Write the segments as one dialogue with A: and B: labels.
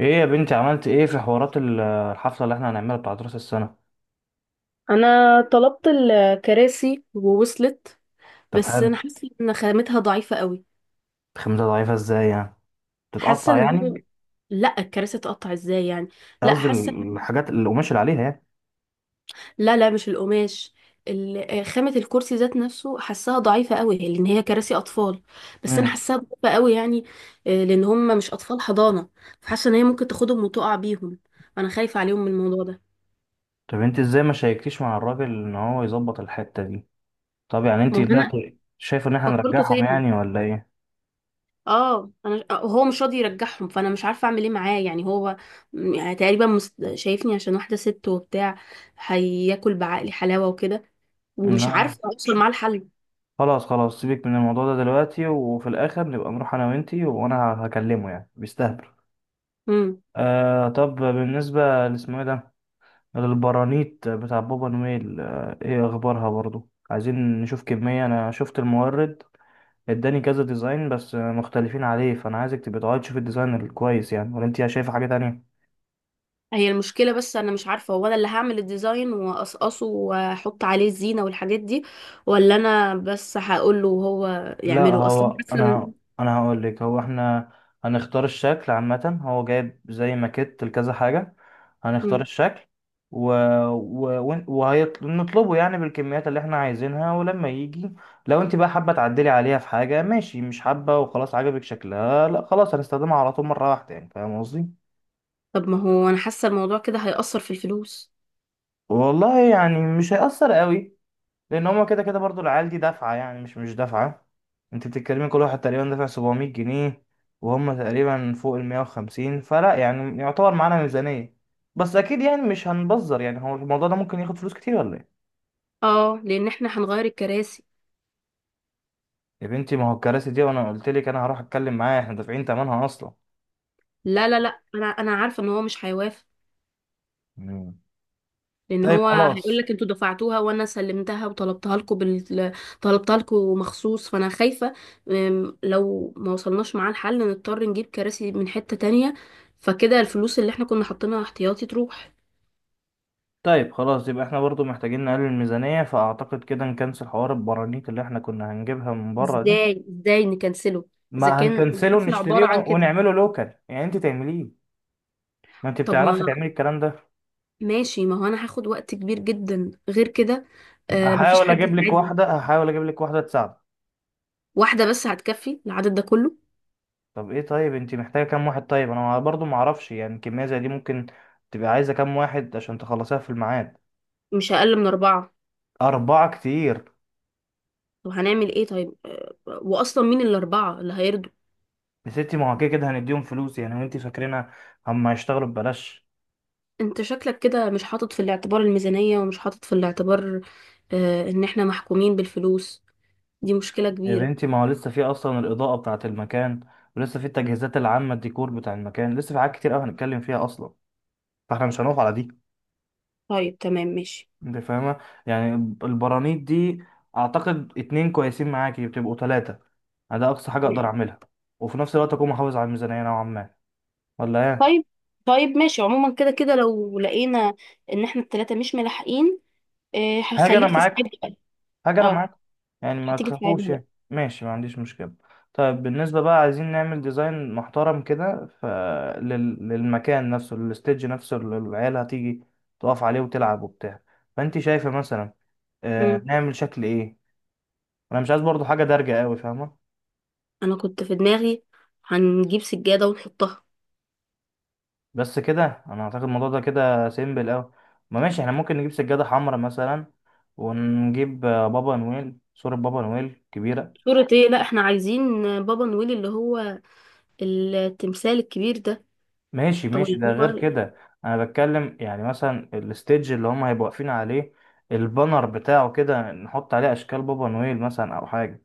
A: ايه يا بنتي؟ عملت ايه في حوارات الحفلة اللي احنا هنعملها بتاعت راس السنة؟
B: انا طلبت الكراسي ووصلت.
A: طب
B: بس انا
A: حلو.
B: حاسه ان خامتها ضعيفه قوي.
A: خمسة ضعيفة ازاي يعني؟
B: حاسه
A: تتقطع
B: ان هو
A: يعني؟
B: لا، الكراسي تقطع ازاي يعني؟ لا
A: قصدي
B: حاسه
A: الحاجات اللي القماش اللي عليها يعني.
B: لا لا، مش القماش. خامه الكرسي ذات نفسه، حاساها ضعيفه قوي لان هي كراسي اطفال. بس انا
A: امم.
B: حاساها ضعيفه قوي يعني. لان هم مش اطفال حضانه. فحاسه ان هي ممكن تاخدهم وتقع بيهم. انا خايفه عليهم من الموضوع ده.
A: طب انت ازاي ما شاركتيش مع الراجل ان هو يظبط الحتة دي؟ طب يعني انت
B: ما هو انا
A: دلوقتي شايف ان احنا
B: فكرته
A: نرجعهم
B: فيا.
A: يعني ولا ايه؟
B: اه انا، هو مش راضي يرجعهم، فانا مش عارفه اعمل ايه معاه يعني. هو يعني تقريبا شايفني عشان واحده ست وبتاع، هياكل بعقلي حلاوه وكده، ومش
A: لا،
B: عارفه اوصل معاه الحل.
A: خلاص خلاص، سيبك من الموضوع ده دلوقتي، وفي الاخر نبقى نروح انا وانتي، وانا هكلمه، يعني بيستهبل.
B: امم.
A: آه، طب بالنسبة لاسمه ايه ده، البرانيت بتاع بابا نويل، ايه اخبارها برضو؟ عايزين نشوف كمية، انا شفت المورد اداني كذا ديزاين، بس مختلفين عليه، فانا عايزك تبقى تقعد تشوف الديزاين الكويس، يعني ولا انت شايفة حاجة تانية؟
B: هي المشكله، بس انا مش عارفه، هو انا اللي هعمل الديزاين واقصقصه واحط عليه الزينه والحاجات دي، ولا انا بس هقول له وهو
A: لا،
B: يعمله اصلا؟
A: هو
B: حاسه إن-
A: انا هقول لك، هو احنا هنختار الشكل عامة، هو جايب زي ماكيت لكذا حاجة، هنختار
B: مم.
A: الشكل و... و... وهنطلبه يعني بالكميات اللي احنا عايزينها. ولما يجي، لو انت بقى حابة تعدلي عليها في حاجة، ماشي، مش حابة وخلاص عجبك شكلها، لا خلاص، هنستخدمها على طول مرة واحدة، يعني فاهم قصدي؟
B: طب ما هو انا حاسه الموضوع كده هيأثر في الفلوس.
A: والله يعني مش هيأثر قوي، لان هما كده كده برضو العيال دي دافعه، يعني مش دافعه. انت بتتكلمي، كل واحد تقريبا دافع 700 جنيه، وهم تقريبا فوق ال 150، فلا يعني يعتبر معانا ميزانيه. بس اكيد يعني مش هنبذر، يعني هو الموضوع ده ممكن ياخد فلوس كتير ولا ايه؟
B: اه، لان احنا هنغير الكراسي.
A: يا بنتي، ما هو الكراسي دي، وانا قلت لك انا هروح اتكلم معاه، احنا دافعين ثمنها اصلا.
B: لا لا لا، انا عارفه ان هو مش هيوافق.
A: مم.
B: لان
A: طيب
B: هو هيقول
A: خلاص.
B: لك انتوا دفعتوها وانا سلمتها، طلبتها لكم مخصوص، فانا خايفه. لو ما وصلناش معاه الحل نضطر نجيب كراسي من حته تانية، فكده الفلوس اللي احنا كنا حاطينها احتياطي تروح.
A: طيب خلاص، يبقى احنا برضو محتاجين نقلل الميزانية، فأعتقد كده نكنسل حوار البرانيت اللي احنا كنا هنجيبها من بره دي.
B: ازاي نكنسله؟ اذا
A: ما
B: كان
A: هنكنسله،
B: الحفله
A: نشتريه
B: عباره عن كده.
A: ونعمله لوكال، يعني انت تعمليه. ما انت
B: طب ما
A: بتعرفي تعملي الكلام ده.
B: ماشي، ما هو انا هاخد وقت كبير جدا غير كده. مفيش
A: هحاول
B: حد
A: اجيب لك
B: يساعدني.
A: واحده، هحاول اجيب لك واحده تساعدك.
B: واحده بس هتكفي العدد ده كله؟
A: طب ايه، طيب انت محتاجه كام واحد؟ طيب انا برضو ما اعرفش يعني، كميه زي دي ممكن تبقى عايزه كام واحد عشان تخلصيها في الميعاد؟
B: مش اقل من اربعه.
A: اربعه كتير.
B: طب هنعمل ايه طيب؟ واصلا مين الاربعه اللي هيرضوا؟
A: يا ستي، ما هو كده كده هنديهم فلوس، يعني وانت فاكرينها هم هيشتغلوا ببلاش؟
B: انت شكلك كده مش حاطط في الاعتبار الميزانية، ومش حاطط في الاعتبار ان احنا محكومين بالفلوس. دي مشكلة
A: يا
B: كبيرة.
A: بنتي، ما هو لسه في اصلا الاضاءه بتاعه المكان، ولسه في التجهيزات العامه، الديكور بتاع المكان، لسه في حاجات كتير قوي هنتكلم فيها اصلا، فاحنا مش هنقف على دي.
B: طيب تمام، ماشي.
A: انت فاهمة؟ يعني البرانيت دي، اعتقد اتنين كويسين، معاكي بتبقوا تلاتة، يعني ده اقصى حاجة اقدر اعملها، وفي نفس الوقت اكون محافظ على الميزانية نوعا ما، ولا ايه؟
B: طيب، طيب ماشي، عموما كده كده لو لقينا ان احنا التلاتة مش ملاحقين،
A: حاجة انا
B: هخليك تساعد
A: معاكم،
B: بقى.
A: حاجة انا
B: اه،
A: معاكم، يعني ما
B: هتيجي
A: تخافوش،
B: تساعدها بقى.
A: يعني ماشي، ما عنديش مشكلة. طيب بالنسبة بقى، عايزين نعمل ديزاين محترم كده للمكان نفسه، للستيج نفسه اللي العيال هتيجي تقف عليه وتلعب وبتاع. فانت شايفة مثلا
B: مم.
A: نعمل شكل ايه؟ انا مش عايز برضو حاجة دارجة قوي، فاهمة؟
B: انا كنت في دماغي هنجيب سجادة ونحطها.
A: بس كده انا اعتقد الموضوع ده كده سيمبل اوي. ما ماشي، احنا ممكن نجيب سجادة حمراء مثلا، ونجيب بابا نويل، صورة بابا نويل كبيرة.
B: صورة ايه؟ لا، احنا عايزين بابا نويل، اللي هو التمثال الكبير ده،
A: ماشي
B: او
A: ماشي،
B: اللي
A: ده غير
B: هو...
A: كده. انا بتكلم يعني مثلا الستيج اللي هم هيبقوا واقفين عليه، البانر بتاعه كده نحط عليه اشكال بابا نويل مثلا او حاجة،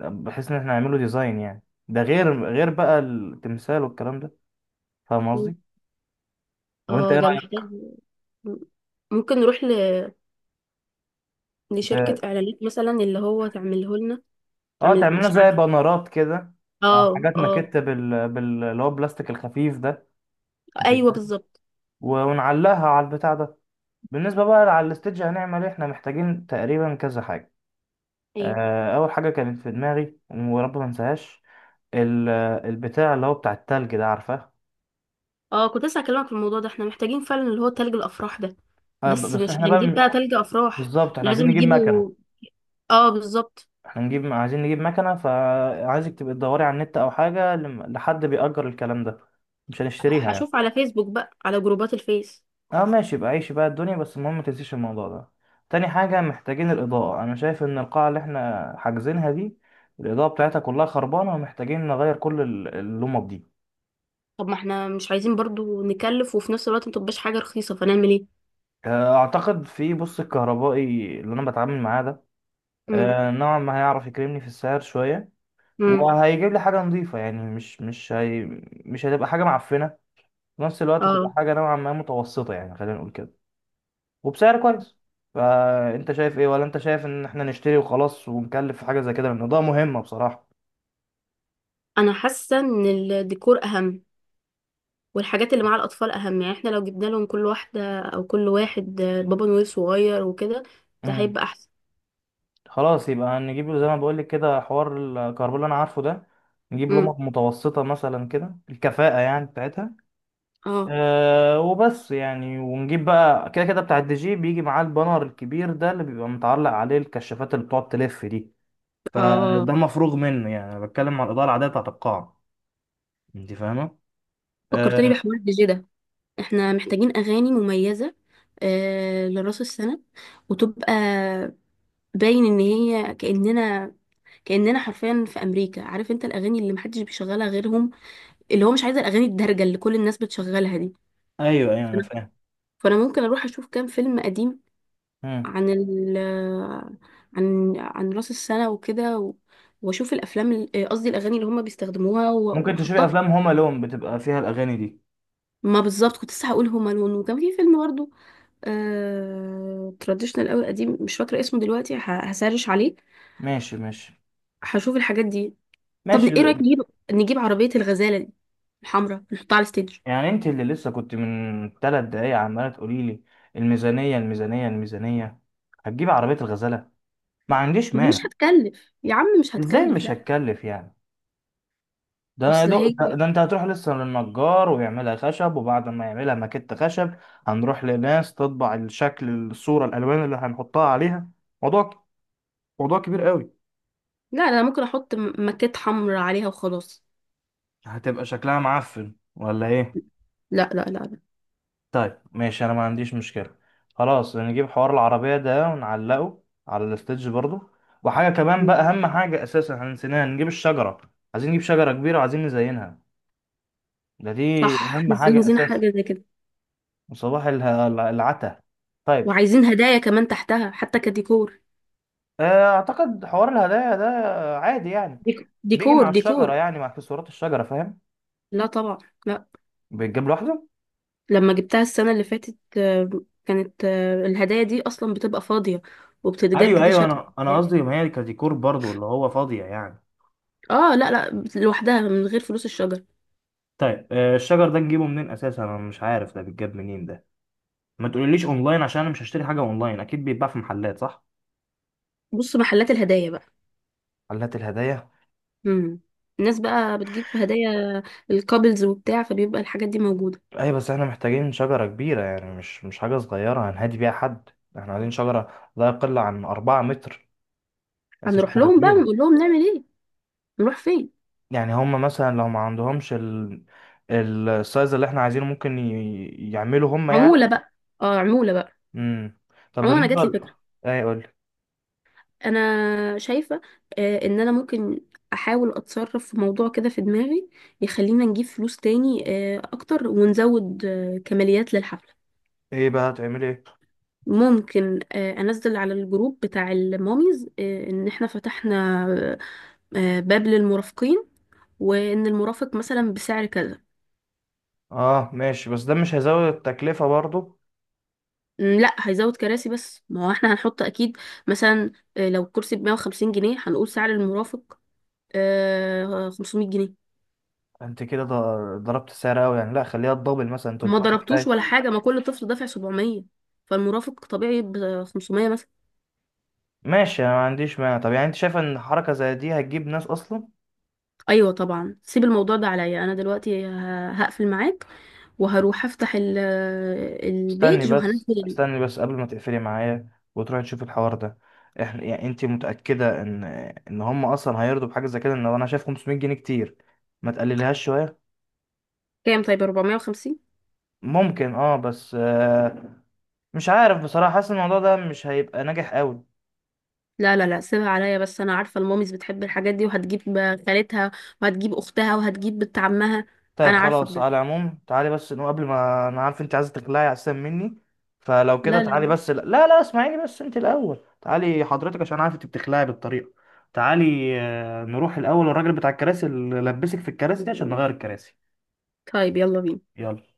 A: بحيث ان احنا نعمله ديزاين، يعني ده غير بقى التمثال والكلام ده. فاهم قصدي؟ وانت
B: اه،
A: ايه
B: ده محتاج.
A: رأيك؟
B: ممكن نروح لشركة اعلانات مثلا اللي هو تعمله لنا،
A: اه،
B: تعمل
A: تعملنا
B: مش
A: زي
B: عارفة.
A: بانرات كده،
B: اه
A: حاجات
B: اه.
A: ماكيت، اللي هو البلاستيك الخفيف ده، انت
B: ايوه
A: فاهم؟
B: بالظبط.
A: ونعلقها على البتاع ده. بالنسبة بقى على الستيدج هنعمل ايه؟ احنا محتاجين تقريبا كذا حاجة.
B: ايه؟
A: اول حاجة كانت في دماغي، ورب ما انساهاش، ال... البتاع اللي هو بتاع التلج ده، عارفاه؟
B: اه، كنت لسه هكلمك في الموضوع ده، احنا محتاجين فعلا اللي هو تلج الافراح ده. بس
A: بس
B: مش
A: احنا بقى
B: هنجيب بقى تلج افراح.
A: بالظبط
B: إحنا
A: احنا
B: لازم
A: عايزين نجيب
B: نجيبه.
A: مكنة.
B: اه بالظبط.
A: احنا عايزين نجيب مكنة، فعايزك تبقى تدوري على النت او حاجة، لحد بيأجر الكلام ده، مش هنشتريها يعني.
B: هشوف على فيسبوك بقى، على جروبات الفيس.
A: اه ماشي، بقى عيش بقى الدنيا، بس المهم ما تنسيش الموضوع ده. تاني حاجة، محتاجين الإضاءة. أنا شايف إن القاعة اللي إحنا حاجزينها دي الإضاءة بتاعتها كلها خربانة، ومحتاجين نغير كل اللمب دي.
B: طب ما احنا مش عايزين برضو نكلف، وفي نفس الوقت متبقاش حاجة رخيصة، فنعمل ايه؟
A: أعتقد في بص الكهربائي اللي أنا بتعامل معاه ده
B: امم.
A: نوعا ما هيعرف يكرمني في السعر شوية،
B: امم.
A: وهيجيب لي حاجة نظيفة، يعني مش هي، مش هتبقى حاجة معفنة، في نفس الوقت هتبقى
B: اه.
A: حاجة نوعا ما متوسطة، يعني خلينا نقول كده، وبسعر كويس. فانت شايف ايه، ولا انت شايف ان احنا نشتري وخلاص ونكلف في حاجه زي كده، لان ده مهمه بصراحه.
B: انا حاسة ان الديكور اهم، والحاجات اللي مع الأطفال أهم. يعني احنا لو جبنا لهم كل واحدة أو كل واحد بابا نويل صغير وكده، ده
A: امم.
B: هيبقى أحسن.
A: خلاص يبقى هنجيب له زي ما بقول لك كده، حوار الكربون اللي انا عارفه ده، نجيب لمبة
B: امم.
A: متوسطه مثلا كده الكفاءه يعني بتاعتها.
B: اه.
A: أه، وبس يعني، ونجيب بقى كده كده بتاع الدي جي، بيجي معاه البانر الكبير ده اللي بيبقى متعلق عليه الكشافات اللي بتقعد تلف دي.
B: اه.
A: فده مفروغ منه، يعني انا بتكلم على الاضاءه العاديه بتاعت القاعه. انت فاهمه؟
B: فكرتني
A: أه.
B: بحوار الدي جي ده، احنا محتاجين أغاني مميزة لراس السنة، وتبقى باين إن هي كأننا، كأننا حرفيا في أمريكا. عارف انت الأغاني اللي محدش بيشغلها غيرهم، اللي هو مش عايز الأغاني الدارجة اللي كل الناس بتشغلها دي.
A: ايوه ايوه، انا
B: فأنا
A: فاهم.
B: فأنا ممكن أروح أشوف كام فيلم قديم،
A: مم.
B: عن ال عن راس السنة وكده، واشوف الافلام قصدي الاغاني اللي هما بيستخدموها
A: ممكن تشوفي
B: واحطها.
A: افلام هوم الون، بتبقى فيها الاغاني دي.
B: ما بالظبط، كنت لسه هقول هما لون، وكان في فيلم برضه تراديشنال قوي قديم، مش فاكرة اسمه دلوقتي، هسرش عليه.
A: ماشي ماشي
B: هشوف الحاجات دي. طب
A: ماشي
B: ايه رأيك، نجيب عربية الغزالة دي الحمراء، نحطها على الستيج.
A: يعني انت اللي لسه كنت من 3 دقايق عماله تقولي لي الميزانيه الميزانيه الميزانيه، هتجيب عربيه الغزاله؟ ما عنديش
B: ما هي
A: مانع.
B: مش هتكلف يا عم، مش
A: ازاي
B: هتكلف،
A: مش
B: لا.
A: هتكلف يعني؟ ده انا
B: اصل هي...
A: ده انت هتروح لسه للنجار ويعملها خشب، وبعد ما يعملها ماكيت خشب هنروح لناس تطبع الشكل، الصوره، الالوان اللي هنحطها عليها. موضوع، كبير قوي.
B: لا لا، ممكن احط ماكيت حمراء عليها وخلاص.
A: هتبقى شكلها معفن ولا ايه؟
B: لا لا لا.
A: طيب ماشي، انا ما عنديش مشكلة. خلاص نجيب حوار العربية ده ونعلقه على الاستيدج برضو. وحاجة كمان
B: لا.
A: بقى، اهم حاجة اساسا احنا نسيناها، نجيب الشجرة. عايزين نجيب شجرة كبيرة، وعايزين نزينها، ده دي
B: صح،
A: اهم
B: مش
A: حاجة
B: عايزين
A: اساسا.
B: حاجة زي كده.
A: وصباح العتا. طيب،
B: وعايزين هدايا كمان تحتها حتى كديكور.
A: اعتقد حوار الهدايا ده عادي يعني، بيجي
B: ديكور
A: مع الشجرة،
B: ديكور.
A: يعني مع اكسسوارات الشجرة، فاهم؟
B: لا طبعا. لا.
A: بيتجاب لوحده.
B: لما جبتها السنة اللي فاتت، كانت الهدايا دي أصلا بتبقى فاضية، وبتتجاب
A: ايوه
B: كده
A: ايوه،
B: شكل.
A: انا قصدي ما هي كديكور برضو اللي هو فاضية يعني.
B: اه لا لا، لوحدها من غير فلوس الشجر.
A: طيب، الشجر ده نجيبه منين اساسا؟ انا مش عارف ده بيتجاب منين ده. ما تقوليليش اونلاين، عشان انا مش هشتري حاجه اونلاين. اكيد بيتباع في محلات، صح؟
B: بص، محلات الهدايا بقى.
A: محلات الهدايا.
B: امم. الناس بقى بتجيب هدايا الكابلز وبتاع، فبيبقى الحاجات دي موجودة.
A: ايوه، بس احنا محتاجين شجرة كبيرة، يعني مش حاجة صغيرة هنهدي بيها حد، احنا عايزين شجرة لا يقل عن 4 متر. عايزين
B: هنروح
A: شجرة
B: لهم بقى
A: كبيرة.
B: ونقول لهم نعمل ايه؟ نروح فين؟
A: يعني هما مثلا لو ما عندهمش السايز اللي احنا عايزينه، ممكن يعملوا هما
B: عمولة
A: يعني.
B: بقى. اه، عمولة بقى.
A: امم. طب
B: عموما انا
A: بالنسبة
B: جات لي فكرة.
A: ايه، قول.
B: انا شايفه ان انا ممكن احاول اتصرف في موضوع كده في دماغي، يخلينا نجيب فلوس تاني اكتر، ونزود كماليات للحفله.
A: ايه بقى هتعملي ايه؟
B: ممكن انزل على الجروب بتاع الماميز ان احنا فتحنا باب للمرافقين، وان المرافق مثلا بسعر كذا.
A: اه ماشي، بس ده مش هيزود التكلفة برضو؟
B: لا، هيزود كراسي بس، ما هو احنا هنحط اكيد، مثلا لو كرسي ب 150 جنيه، هنقول سعر المرافق 500 جنيه.
A: انت كده ضربت السعر قوي يعني، لا خليها تدبل، مثلا
B: ما
A: 300
B: ضربتوش
A: كفاية.
B: ولا حاجة، ما كل طفل دافع 700، فالمرافق طبيعي ب 500 مثلا.
A: ماشي، انا ما عنديش مانع. طب يعني انت شايفه ان حركه زي دي هتجيب ناس اصلا؟
B: ايوه طبعا، سيب الموضوع ده عليا، انا دلوقتي هقفل معاك، وهروح افتح
A: استني
B: البيج
A: بس،
B: وهنزل.
A: استني بس، قبل ما تقفلي معايا وتروحي تشوفي الحوار ده، احنا يعني انت متاكده ان هم اصلا هيرضوا بحاجه زي كده؟ ان انا شايف 500 جنيه كتير. ما تقللهاش شويه؟
B: كام؟ طيب، 450.
A: ممكن اه، بس مش عارف بصراحه، حاسس إن الموضوع ده مش هيبقى ناجح قوي.
B: لا لا لا، سيبها عليا، بس انا عارفة الماميز بتحب الحاجات دي، وهتجيب خالتها وهتجيب اختها وهتجيب بنت عمها.
A: طيب
B: انا عارفة
A: خلاص،
B: بجد.
A: على العموم تعالي بس انه، قبل ما، انا عارف انت عايزه تقلعي احسن مني، فلو كده
B: لا لا
A: تعالي
B: لا.
A: بس. لا لا لا، اسمعيني بس انت الاول، تعالي حضرتك، عشان عارف انت بتخلعي بالطريقه. تعالي، نروح الاول الراجل بتاع الكراسي اللي لبسك في الكراسي دي، عشان نغير الكراسي.
B: طيب يلا بينا.
A: يلا.